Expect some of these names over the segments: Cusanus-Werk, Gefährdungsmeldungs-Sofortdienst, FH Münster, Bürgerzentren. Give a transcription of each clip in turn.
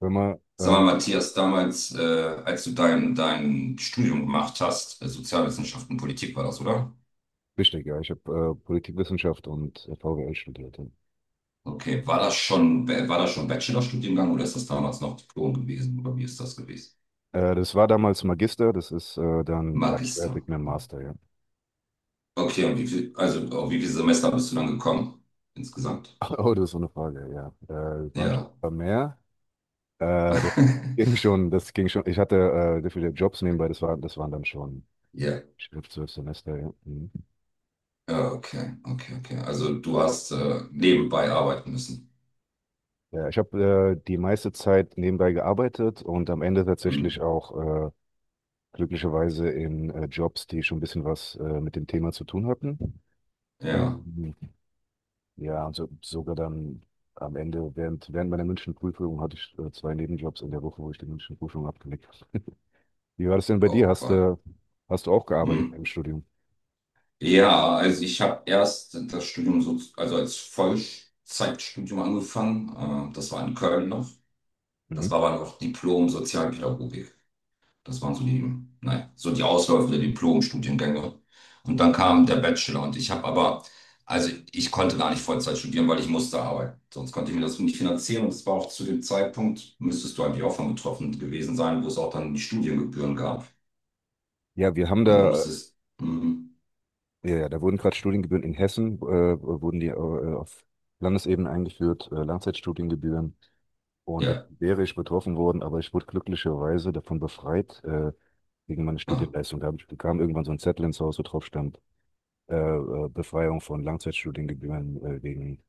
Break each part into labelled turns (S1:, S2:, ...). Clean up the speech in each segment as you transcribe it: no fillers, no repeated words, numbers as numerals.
S1: Hör mal,
S2: Sag mal,
S1: ähm,
S2: Matthias, damals, als du dein Studium gemacht hast, Sozialwissenschaften und Politik war das, oder?
S1: Richtig, ja, ich habe Politikwissenschaft und VWL studiert. Ja.
S2: Okay, war das schon Bachelorstudiengang oder ist das damals noch Diplom gewesen? Oder wie ist das gewesen?
S1: Das war damals Magister, das ist dann
S2: Magister.
S1: gleichwertig mit dem Master, ja.
S2: Okay, und wie viel, also auf wie viele Semester bist du dann gekommen? Insgesamt.
S1: Oh, das ist so eine Frage, ja. Es waren schon
S2: Ja.
S1: ein paar mehr. Das ging schon, das ging schon. Ich hatte sehr viele Jobs nebenbei, das waren dann schon
S2: Ja.
S1: fünf, zwölf Semester, ja. Mhm.
S2: Ja, okay, okay, okay. Also du hast nebenbei arbeiten müssen.
S1: Ja, ich habe die meiste Zeit nebenbei gearbeitet und am Ende
S2: Hm.
S1: tatsächlich auch glücklicherweise in Jobs, die schon ein bisschen was mit dem Thema zu tun hatten.
S2: Ja.
S1: Ähm, Ja, und sogar dann am Ende, während meiner Münchenprüfung hatte ich zwei Nebenjobs in der Woche, wo ich die Münchenprüfung abgelegt habe. Wie war das denn bei dir?
S2: Oh, wa-
S1: Hast du auch
S2: hm.
S1: gearbeitet im Studium?
S2: Ja, also ich habe erst das Studium so, also als Vollzeitstudium angefangen. Das war in Köln noch.
S1: Mhm.
S2: Das war aber noch Diplom Sozialpädagogik. Das waren so die, naja, so die Ausläufe der Diplom-Studiengänge. Und dann kam der Bachelor und ich habe aber, also ich konnte gar nicht Vollzeit studieren, weil ich musste arbeiten. Sonst konnte ich mir das so nicht finanzieren und es war auch zu dem Zeitpunkt, müsstest du eigentlich auch von betroffen gewesen sein, wo es auch dann die Studiengebühren gab.
S1: Ja, wir haben
S2: Also du
S1: da,
S2: musstest, mm,
S1: ja, da wurden gerade Studiengebühren in Hessen, wurden die auf Landesebene eingeführt, Langzeitstudiengebühren. Und da
S2: ja.
S1: wäre ich betroffen worden, aber ich wurde glücklicherweise davon befreit, wegen meiner
S2: Ah,
S1: Studienleistung. Bekam irgendwann so ein Zettel ins Haus, wo drauf stand, Befreiung von Langzeitstudiengebühren wegen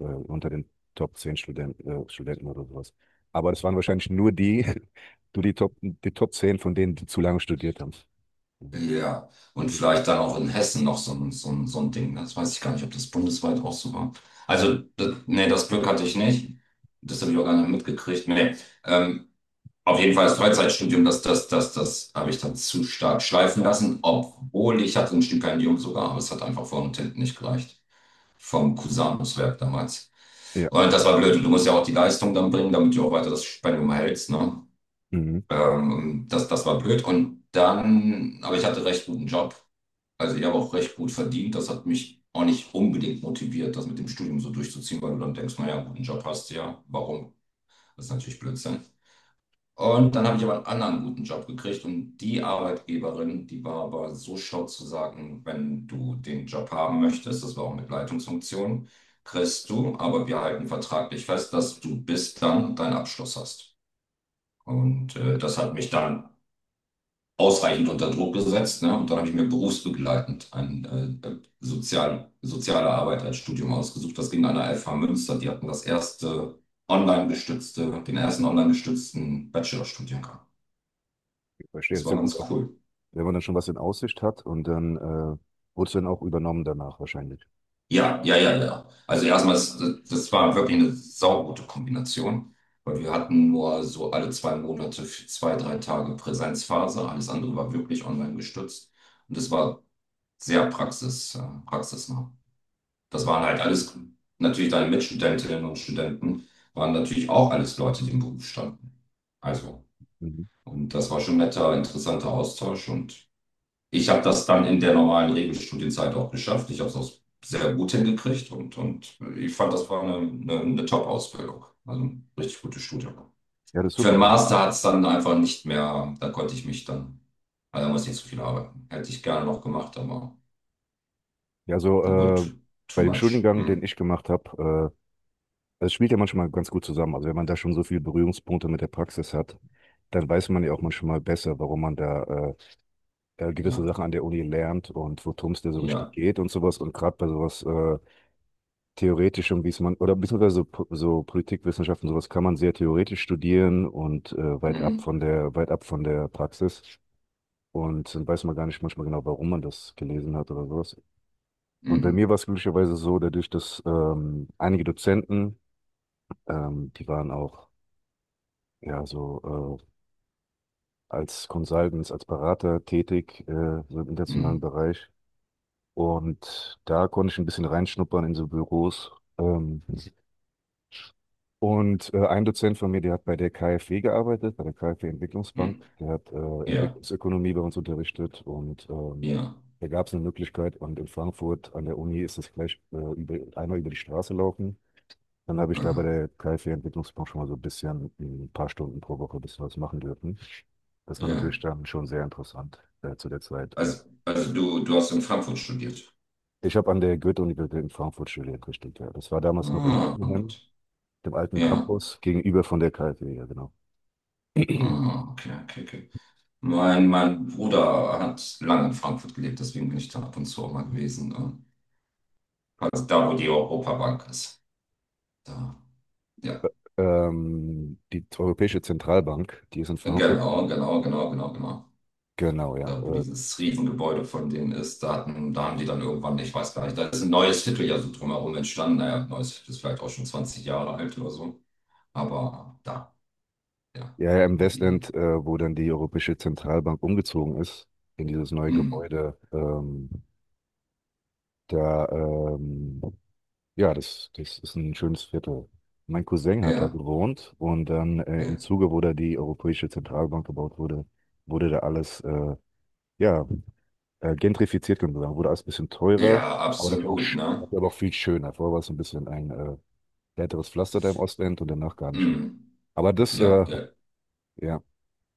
S1: unter den Top 10 Studenten, Studenten oder sowas. Aber das waren wahrscheinlich nur die, die Top 10 von denen, die zu lange studiert haben.
S2: ja, und
S1: Ja.
S2: vielleicht dann auch in Hessen noch so ein, so ein, so ein Ding. Das weiß ich gar nicht, ob das bundesweit auch so war. Also, das, nee, das Glück hatte ich nicht. Das habe ich auch gar nicht mitgekriegt. Nee. Ähm, auf jeden Fall das Freizeitstudium, das habe ich dann zu stark schleifen lassen, obwohl ich hatte ein Stipendium sogar, aber es hat einfach vorne und hinten nicht gereicht. Vom Cusanus-Werk damals.
S1: Ja,
S2: Und das war blöd. Und du musst ja auch die Leistung dann bringen, damit du auch weiter das Stipendium erhältst, ne?
S1: mhm.
S2: Das, das war blöd. Und dann, aber ich hatte recht guten Job. Also ich habe auch recht gut verdient. Das hat mich auch nicht unbedingt motiviert, das mit dem Studium so durchzuziehen, weil du dann denkst, naja, einen guten Job hast du ja. Warum? Das ist natürlich Blödsinn. Und dann habe ich aber einen anderen guten Job gekriegt und die Arbeitgeberin, die war aber so schlau zu sagen, wenn du den Job haben möchtest, das war auch mit Leitungsfunktion, kriegst du, aber wir halten vertraglich fest, dass du bis dann deinen Abschluss hast. Und das hat mich dann ausreichend unter Druck gesetzt. Ne? Und dann habe ich mir berufsbegleitend ein soziale Arbeit als Studium ausgesucht. Das ging an der FH Münster. Die hatten das erste online gestützte, den ersten online gestützten Bachelorstudiengang.
S1: Ich verstehe. Das
S2: Das
S1: ist
S2: war
S1: ja gut
S2: ganz
S1: auch,
S2: cool.
S1: wenn man dann schon was in Aussicht hat und dann wurde es dann auch übernommen danach wahrscheinlich.
S2: Ja, ja, ja, ja. Also erstmal, das, das war wirklich eine saugute Kombination, weil wir hatten nur so alle 2 Monate, für zwei, drei Tage Präsenzphase. Alles andere war wirklich online gestützt. Und das war sehr praxisnah. Das waren halt alles natürlich deine Mitstudentinnen und Studenten, waren natürlich auch alles Leute, die im Beruf standen. Also,
S1: Mhm.
S2: und das war schon netter, interessanter Austausch. Und ich habe das dann in der normalen Regelstudienzeit auch geschafft. Ich habe es auch sehr gut hingekriegt und ich fand, das war eine Top-Ausbildung. Also ein richtig gutes Studium.
S1: Ja, das ist
S2: Für
S1: super.
S2: den
S1: Also,
S2: Master hat es dann einfach nicht mehr, da konnte ich mich dann, also da musste ich nicht so viel arbeiten. Hätte ich gerne noch gemacht, aber
S1: ja, so
S2: it wurde too,
S1: bei
S2: too
S1: dem
S2: much.
S1: Studiengang, den
S2: Mm,
S1: ich gemacht habe, das spielt ja manchmal ganz gut zusammen. Also wenn man da schon so viele Berührungspunkte mit der Praxis hat, dann weiß man ja auch manchmal besser, warum man da gewisse
S2: ja,
S1: Sachen an der Uni lernt und worum es da so richtig
S2: ja.
S1: geht und sowas. Und gerade bei sowas Theoretischem, wie es man, oder beziehungsweise so, so Politikwissenschaften, sowas kann man sehr theoretisch studieren und weit ab
S2: Mm.
S1: von der, weit ab von der Praxis. Und dann weiß man gar nicht manchmal genau, warum man das gelesen hat oder sowas. Und bei mir
S2: Mhm.
S1: war es glücklicherweise so, dadurch, dass einige Dozenten, die waren auch ja, so als Consultants, als Berater tätig, so im internationalen
S2: Mhm.
S1: Bereich. Und da konnte ich ein bisschen reinschnuppern in so Büros. Ähm, ein Dozent von mir, der hat bei der KfW gearbeitet, bei der KfW Entwicklungsbank.
S2: Mhm.
S1: Der hat
S2: Ja,
S1: Entwicklungsökonomie bei uns unterrichtet und
S2: ja,
S1: da gab es eine Möglichkeit. Und in Frankfurt an der Uni ist das gleich einmal über die Straße laufen. Dann habe ich da bei
S2: ah,
S1: der KfW-Entwicklungsbank schon mal so ein bisschen, ein paar Stunden pro Woche ein bisschen was machen dürfen. Das war
S2: ja.
S1: natürlich dann schon sehr interessant zu der Zeit.
S2: Also du, du hast in Frankfurt studiert.
S1: Ich habe an der Goethe-Universität in Frankfurt studiert, richtig. Ja. Das war damals noch in
S2: Ah, gut.
S1: Bockenheim, dem alten
S2: Ja.
S1: Campus, gegenüber von der KfW, ja genau.
S2: Ah, okay, okay, okay. Mein Bruder hat lange in Frankfurt gelebt, deswegen bin ich da ab und zu auch mal gewesen. Also da, wo die Europabank ist. Da, ja.
S1: Die Europäische Zentralbank, die ist in Frankfurt.
S2: Genau, genau, genau, genau, genau.
S1: Genau, ja.
S2: Da, wo dieses Riesengebäude von denen ist, da hatten, da haben die dann irgendwann, ich weiß gar nicht, da ist ein neues Viertel ja so drumherum entstanden. Naja, ein neues Viertel ist vielleicht auch schon 20 Jahre alt oder so. Aber da, ja,
S1: Ja, im
S2: die,
S1: Westend, wo dann die Europäische Zentralbank umgezogen ist, in dieses neue
S2: mm,
S1: Gebäude, da ja, das ist ein schönes Viertel. Mein Cousin hat da
S2: ja,
S1: gewohnt und dann im
S2: ja,
S1: Zuge, wo da die Europäische Zentralbank gebaut wurde, wurde da alles ja, gentrifiziert, kann man sagen. Wurde alles ein bisschen teurer,
S2: ja,
S1: aber dafür auch,
S2: absolut, ne?
S1: dafür aber auch viel schöner. Vorher war es ein bisschen ein härteres Pflaster da im Ostend und danach gar nicht mehr.
S2: Mm,
S1: Aber das,
S2: ja,
S1: äh,
S2: ja,
S1: ja.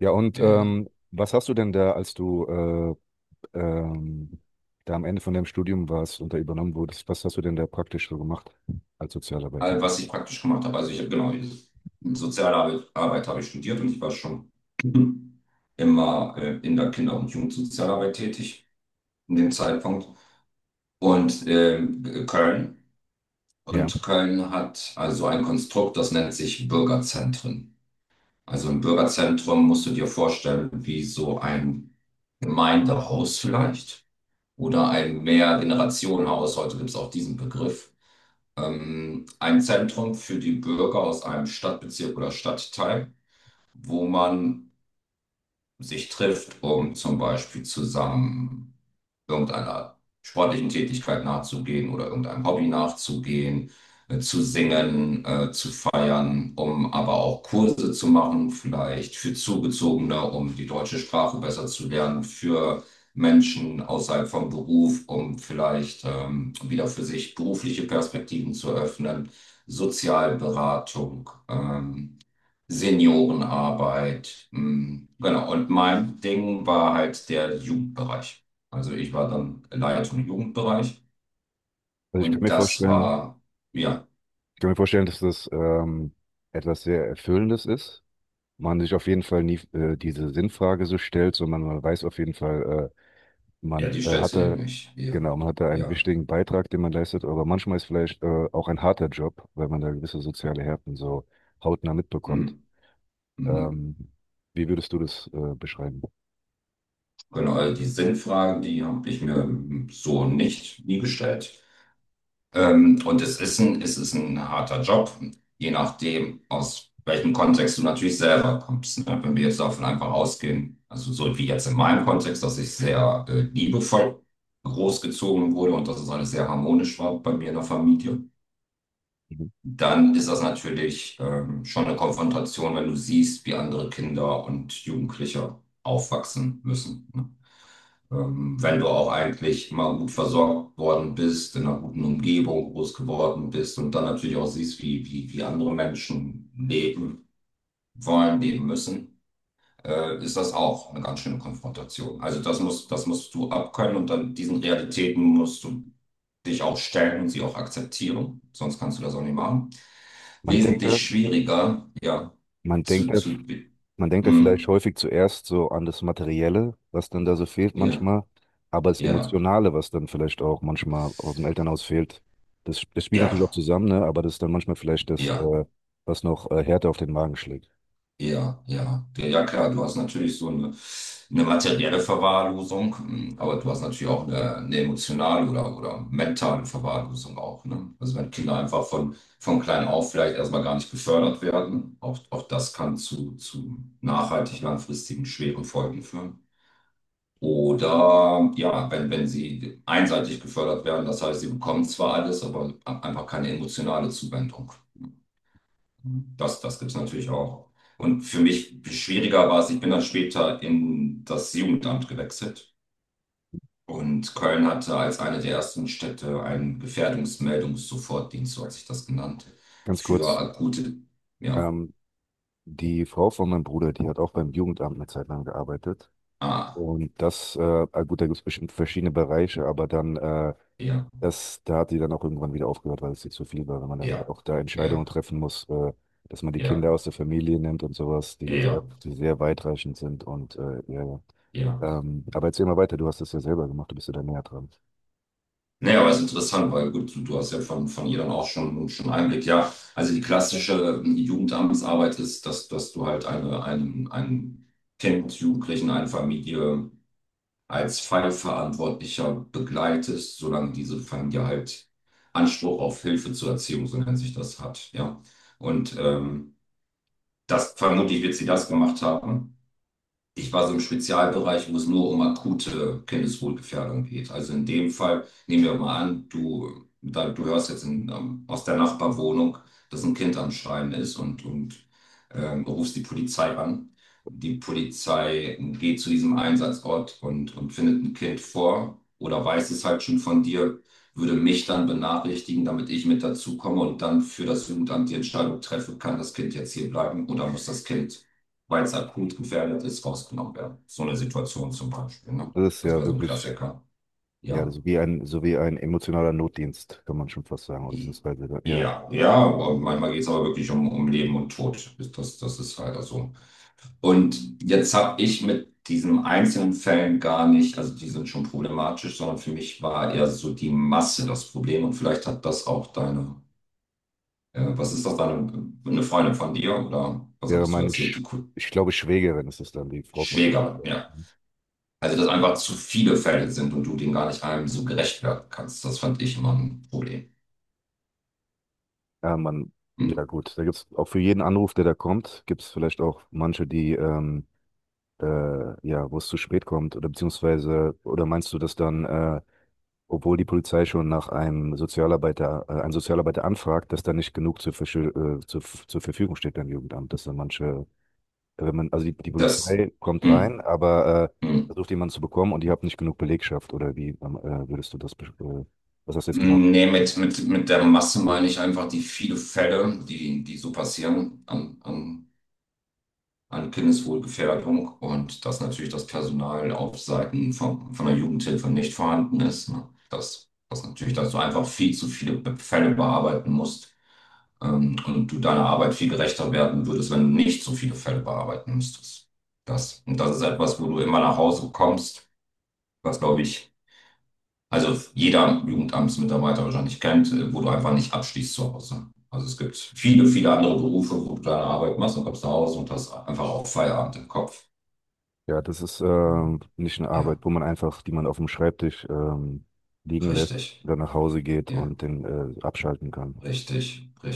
S1: Ja, und
S2: ja. Ja.
S1: was hast du denn da, als du ähm, da am Ende von deinem Studium warst und da übernommen wurdest, was hast du denn da praktisch so gemacht als Sozialarbeiter?
S2: All, was ich praktisch gemacht habe, also ich habe genau, Sozialarbeit Arbeit habe ich studiert und ich war schon immer in der Kinder- und Jugendsozialarbeit tätig, in dem Zeitpunkt. Und ähm, Köln. Und Köln hat also ein Konstrukt, das nennt sich Bürgerzentren. Also im Bürgerzentrum musst du dir vorstellen, wie so ein Gemeindehaus vielleicht oder ein Mehrgenerationenhaus, heute gibt es auch diesen Begriff, ein Zentrum für die Bürger aus einem Stadtbezirk oder Stadtteil, wo man sich trifft, um zum Beispiel zusammen irgendeiner sportlichen Tätigkeit nachzugehen oder irgendeinem Hobby nachzugehen, zu singen, zu feiern, um aber auch Kurse zu machen, vielleicht für Zugezogene, um die deutsche Sprache besser zu lernen, für Menschen außerhalb vom Beruf, um vielleicht wieder für sich berufliche Perspektiven zu öffnen, Sozialberatung. Seniorenarbeit. Mm, genau. Und mein Ding war halt der Jugendbereich. Also ich war dann Leitung im Jugendbereich
S1: Also ich kann
S2: und
S1: mir
S2: das
S1: vorstellen,
S2: war, ja,
S1: Ich kann mir vorstellen, dass das etwas sehr Erfüllendes ist. Man sich auf jeden Fall nie diese Sinnfrage so stellt, sondern man weiß auf jeden Fall,
S2: ja,
S1: man
S2: die
S1: äh,
S2: stellst
S1: hat
S2: du dir
S1: da,
S2: nicht. Ja,
S1: genau, man hat da einen
S2: ja.
S1: wichtigen Beitrag, den man leistet, aber manchmal ist vielleicht auch ein harter Job, weil man da gewisse soziale Härten so hautnah mitbekommt.
S2: Mm, mm.
S1: Ähm, Wie würdest du das beschreiben?
S2: Genau, also die Sinnfragen, die habe ich mir mm, so nicht nie gestellt. Und es ist ein harter Job, je nachdem, aus welchem Kontext du natürlich selber kommst. Ne? Wenn wir jetzt davon einfach ausgehen, also so wie jetzt in meinem Kontext, dass ich sehr liebevoll großgezogen wurde und dass es alles sehr harmonisch war bei mir in der Familie,
S1: Mhm.
S2: dann ist das natürlich schon eine Konfrontation, wenn du siehst, wie andere Kinder und Jugendliche aufwachsen müssen. Ne? Wenn du auch eigentlich immer gut versorgt worden bist, in einer guten Umgebung groß geworden bist und dann natürlich auch siehst, wie andere Menschen leben wollen, leben müssen, ist das auch eine ganz schöne Konfrontation. Also das musst du abkönnen und dann diesen Realitäten musst du dich auch stellen und sie auch akzeptieren. Sonst kannst du das auch nicht machen.
S1: Man denkt da,
S2: Wesentlich schwieriger, ja,
S1: man denkt
S2: zu,
S1: da
S2: zu,
S1: Man denkt ja vielleicht
S2: hm,
S1: häufig zuerst so an das Materielle, was dann da so fehlt
S2: ja,
S1: manchmal, aber das
S2: ja,
S1: Emotionale, was dann vielleicht auch manchmal aus dem Elternhaus fehlt, das spielt
S2: ja,
S1: natürlich auch zusammen, ne? Aber das ist dann manchmal vielleicht das,
S2: ja.
S1: was noch härter auf den Magen schlägt.
S2: Ja, ja, ja, ja, klar, du hast natürlich so eine materielle Verwahrlosung, mm, aber du hast natürlich auch eine emotionale oder mentale Verwahrlosung auch, ne? Also wenn Kinder einfach von klein auf vielleicht erstmal gar nicht gefördert werden, auch, auch das kann zu nachhaltig langfristigen schweren Folgen führen. Oder ja, wenn sie einseitig gefördert werden, das heißt, sie bekommen zwar alles, aber einfach keine emotionale Zuwendung. Das, das gibt es natürlich auch. Und für mich schwieriger war es, ich bin dann später in das Jugendamt gewechselt. Und Köln hatte als eine der ersten Städte einen Gefährdungsmeldungs-Sofortdienst, so hat sich das genannt,
S1: Ganz
S2: für
S1: kurz,
S2: akute, ja,
S1: ähm, die Frau von meinem Bruder, die hat auch beim Jugendamt eine Zeit lang gearbeitet.
S2: ah,
S1: Und das, äh, ah, gut, da gibt es bestimmt verschiedene Bereiche, aber dann
S2: ja,
S1: das, da hat die dann auch irgendwann wieder aufgehört, weil es ihr zu viel war, wenn man dann
S2: ja,
S1: auch da Entscheidungen
S2: ja,
S1: treffen muss, dass man die
S2: ja,
S1: Kinder aus der Familie nimmt und sowas,
S2: ja, ja,
S1: die sehr weitreichend sind und ja. Ja.
S2: ja.
S1: Aber erzähl mal weiter, du hast das ja selber gemacht, du bist ja da näher dran.
S2: Naja, aber es ist interessant, weil gut, du hast ja von ihr dann auch schon Einblick. Ja, also die klassische Jugendamtsarbeit ist, dass, dass du halt einen Kind, Jugendlichen, eine Familie als Fallverantwortlicher begleitest, solange diese Familie halt Anspruch auf Hilfe zur Erziehung, so nennt sich das, hat. Ja, und ähm, das vermutlich wird sie das gemacht haben. Ich war so im Spezialbereich, wo es nur um akute Kindeswohlgefährdung geht. Also in dem Fall nehmen wir mal an, du, da, du hörst jetzt in, aus der Nachbarwohnung, dass ein Kind am Schreien ist und rufst die Polizei an. Die Polizei geht zu diesem Einsatzort und findet ein Kind vor oder weiß es halt schon von dir, würde mich dann benachrichtigen, damit ich mit dazu komme und dann für das Jugendamt die Entscheidung treffe, kann das Kind jetzt hier bleiben oder muss das Kind weil es akut gefährdet ist, rausgenommen werden. So eine Situation zum Beispiel. Ne?
S1: Das ist
S2: Das
S1: ja
S2: wäre so ein
S1: wirklich,
S2: Klassiker.
S1: Ja, das
S2: Ja.
S1: ist wie ein, so wie ein emotionaler Notdienst, kann man schon fast sagen, oder
S2: I-
S1: beziehungsweise, ja,
S2: Ja, ja, aber manchmal geht es aber wirklich um, um Leben und Tod. Das, das ist leider so. Und jetzt habe ich mit diesen einzelnen Fällen gar nicht, also die sind schon problematisch, sondern für mich war eher so die Masse das Problem. Und vielleicht hat das auch deine, was ist das, deine, eine Freundin von dir oder was
S1: wäre
S2: hattest du
S1: meine,
S2: erzählt?
S1: Sch ich glaube, Schwägerin ist es dann, die Frau von,
S2: Schwägerin, ja, also, dass einfach zu viele Fälle sind und du denen gar nicht einem so gerecht werden kannst, das fand ich immer ein Problem.
S1: ja, man, ja
S2: Hm.
S1: gut, da gibt es auch für jeden Anruf, der da kommt, gibt es vielleicht auch manche, ja, wo es zu spät kommt oder beziehungsweise, oder meinst du, dass dann, obwohl die Polizei schon nach einem Sozialarbeiter, einen Sozialarbeiter anfragt, dass da nicht genug zur Verfügung steht beim Jugendamt, dass dann manche, wenn man, die
S2: Das,
S1: Polizei kommt rein,
S2: hm,
S1: aber
S2: hm.
S1: versucht jemanden zu bekommen und ihr habt nicht genug Belegschaft oder wie würdest du das, äh, was hast du jetzt genau gesagt?
S2: Nee, mit der Masse meine ich einfach die viele Fälle, die, die so passieren an Kindeswohlgefährdung und dass natürlich das Personal auf Seiten von der Jugendhilfe nicht vorhanden ist. Ne? Dass, dass natürlich, dass du einfach viel zu viele Fälle bearbeiten musst und du deiner Arbeit viel gerechter werden würdest, wenn du nicht so viele Fälle bearbeiten müsstest. Das, und das ist etwas, wo du immer nach Hause kommst, was, glaube ich, also jeder Jugendamtsmitarbeiter wahrscheinlich kennt, wo du einfach nicht abschließt zu Hause. Also es gibt viele, viele andere Berufe, wo du deine Arbeit machst und kommst nach Hause und hast einfach auch Feierabend im Kopf.
S1: Ja, das ist nicht eine Arbeit,
S2: Ja,
S1: wo man einfach, die man auf dem Schreibtisch liegen lässt
S2: richtig.
S1: oder nach Hause geht
S2: Ja,
S1: und den abschalten kann.
S2: richtig, richtig.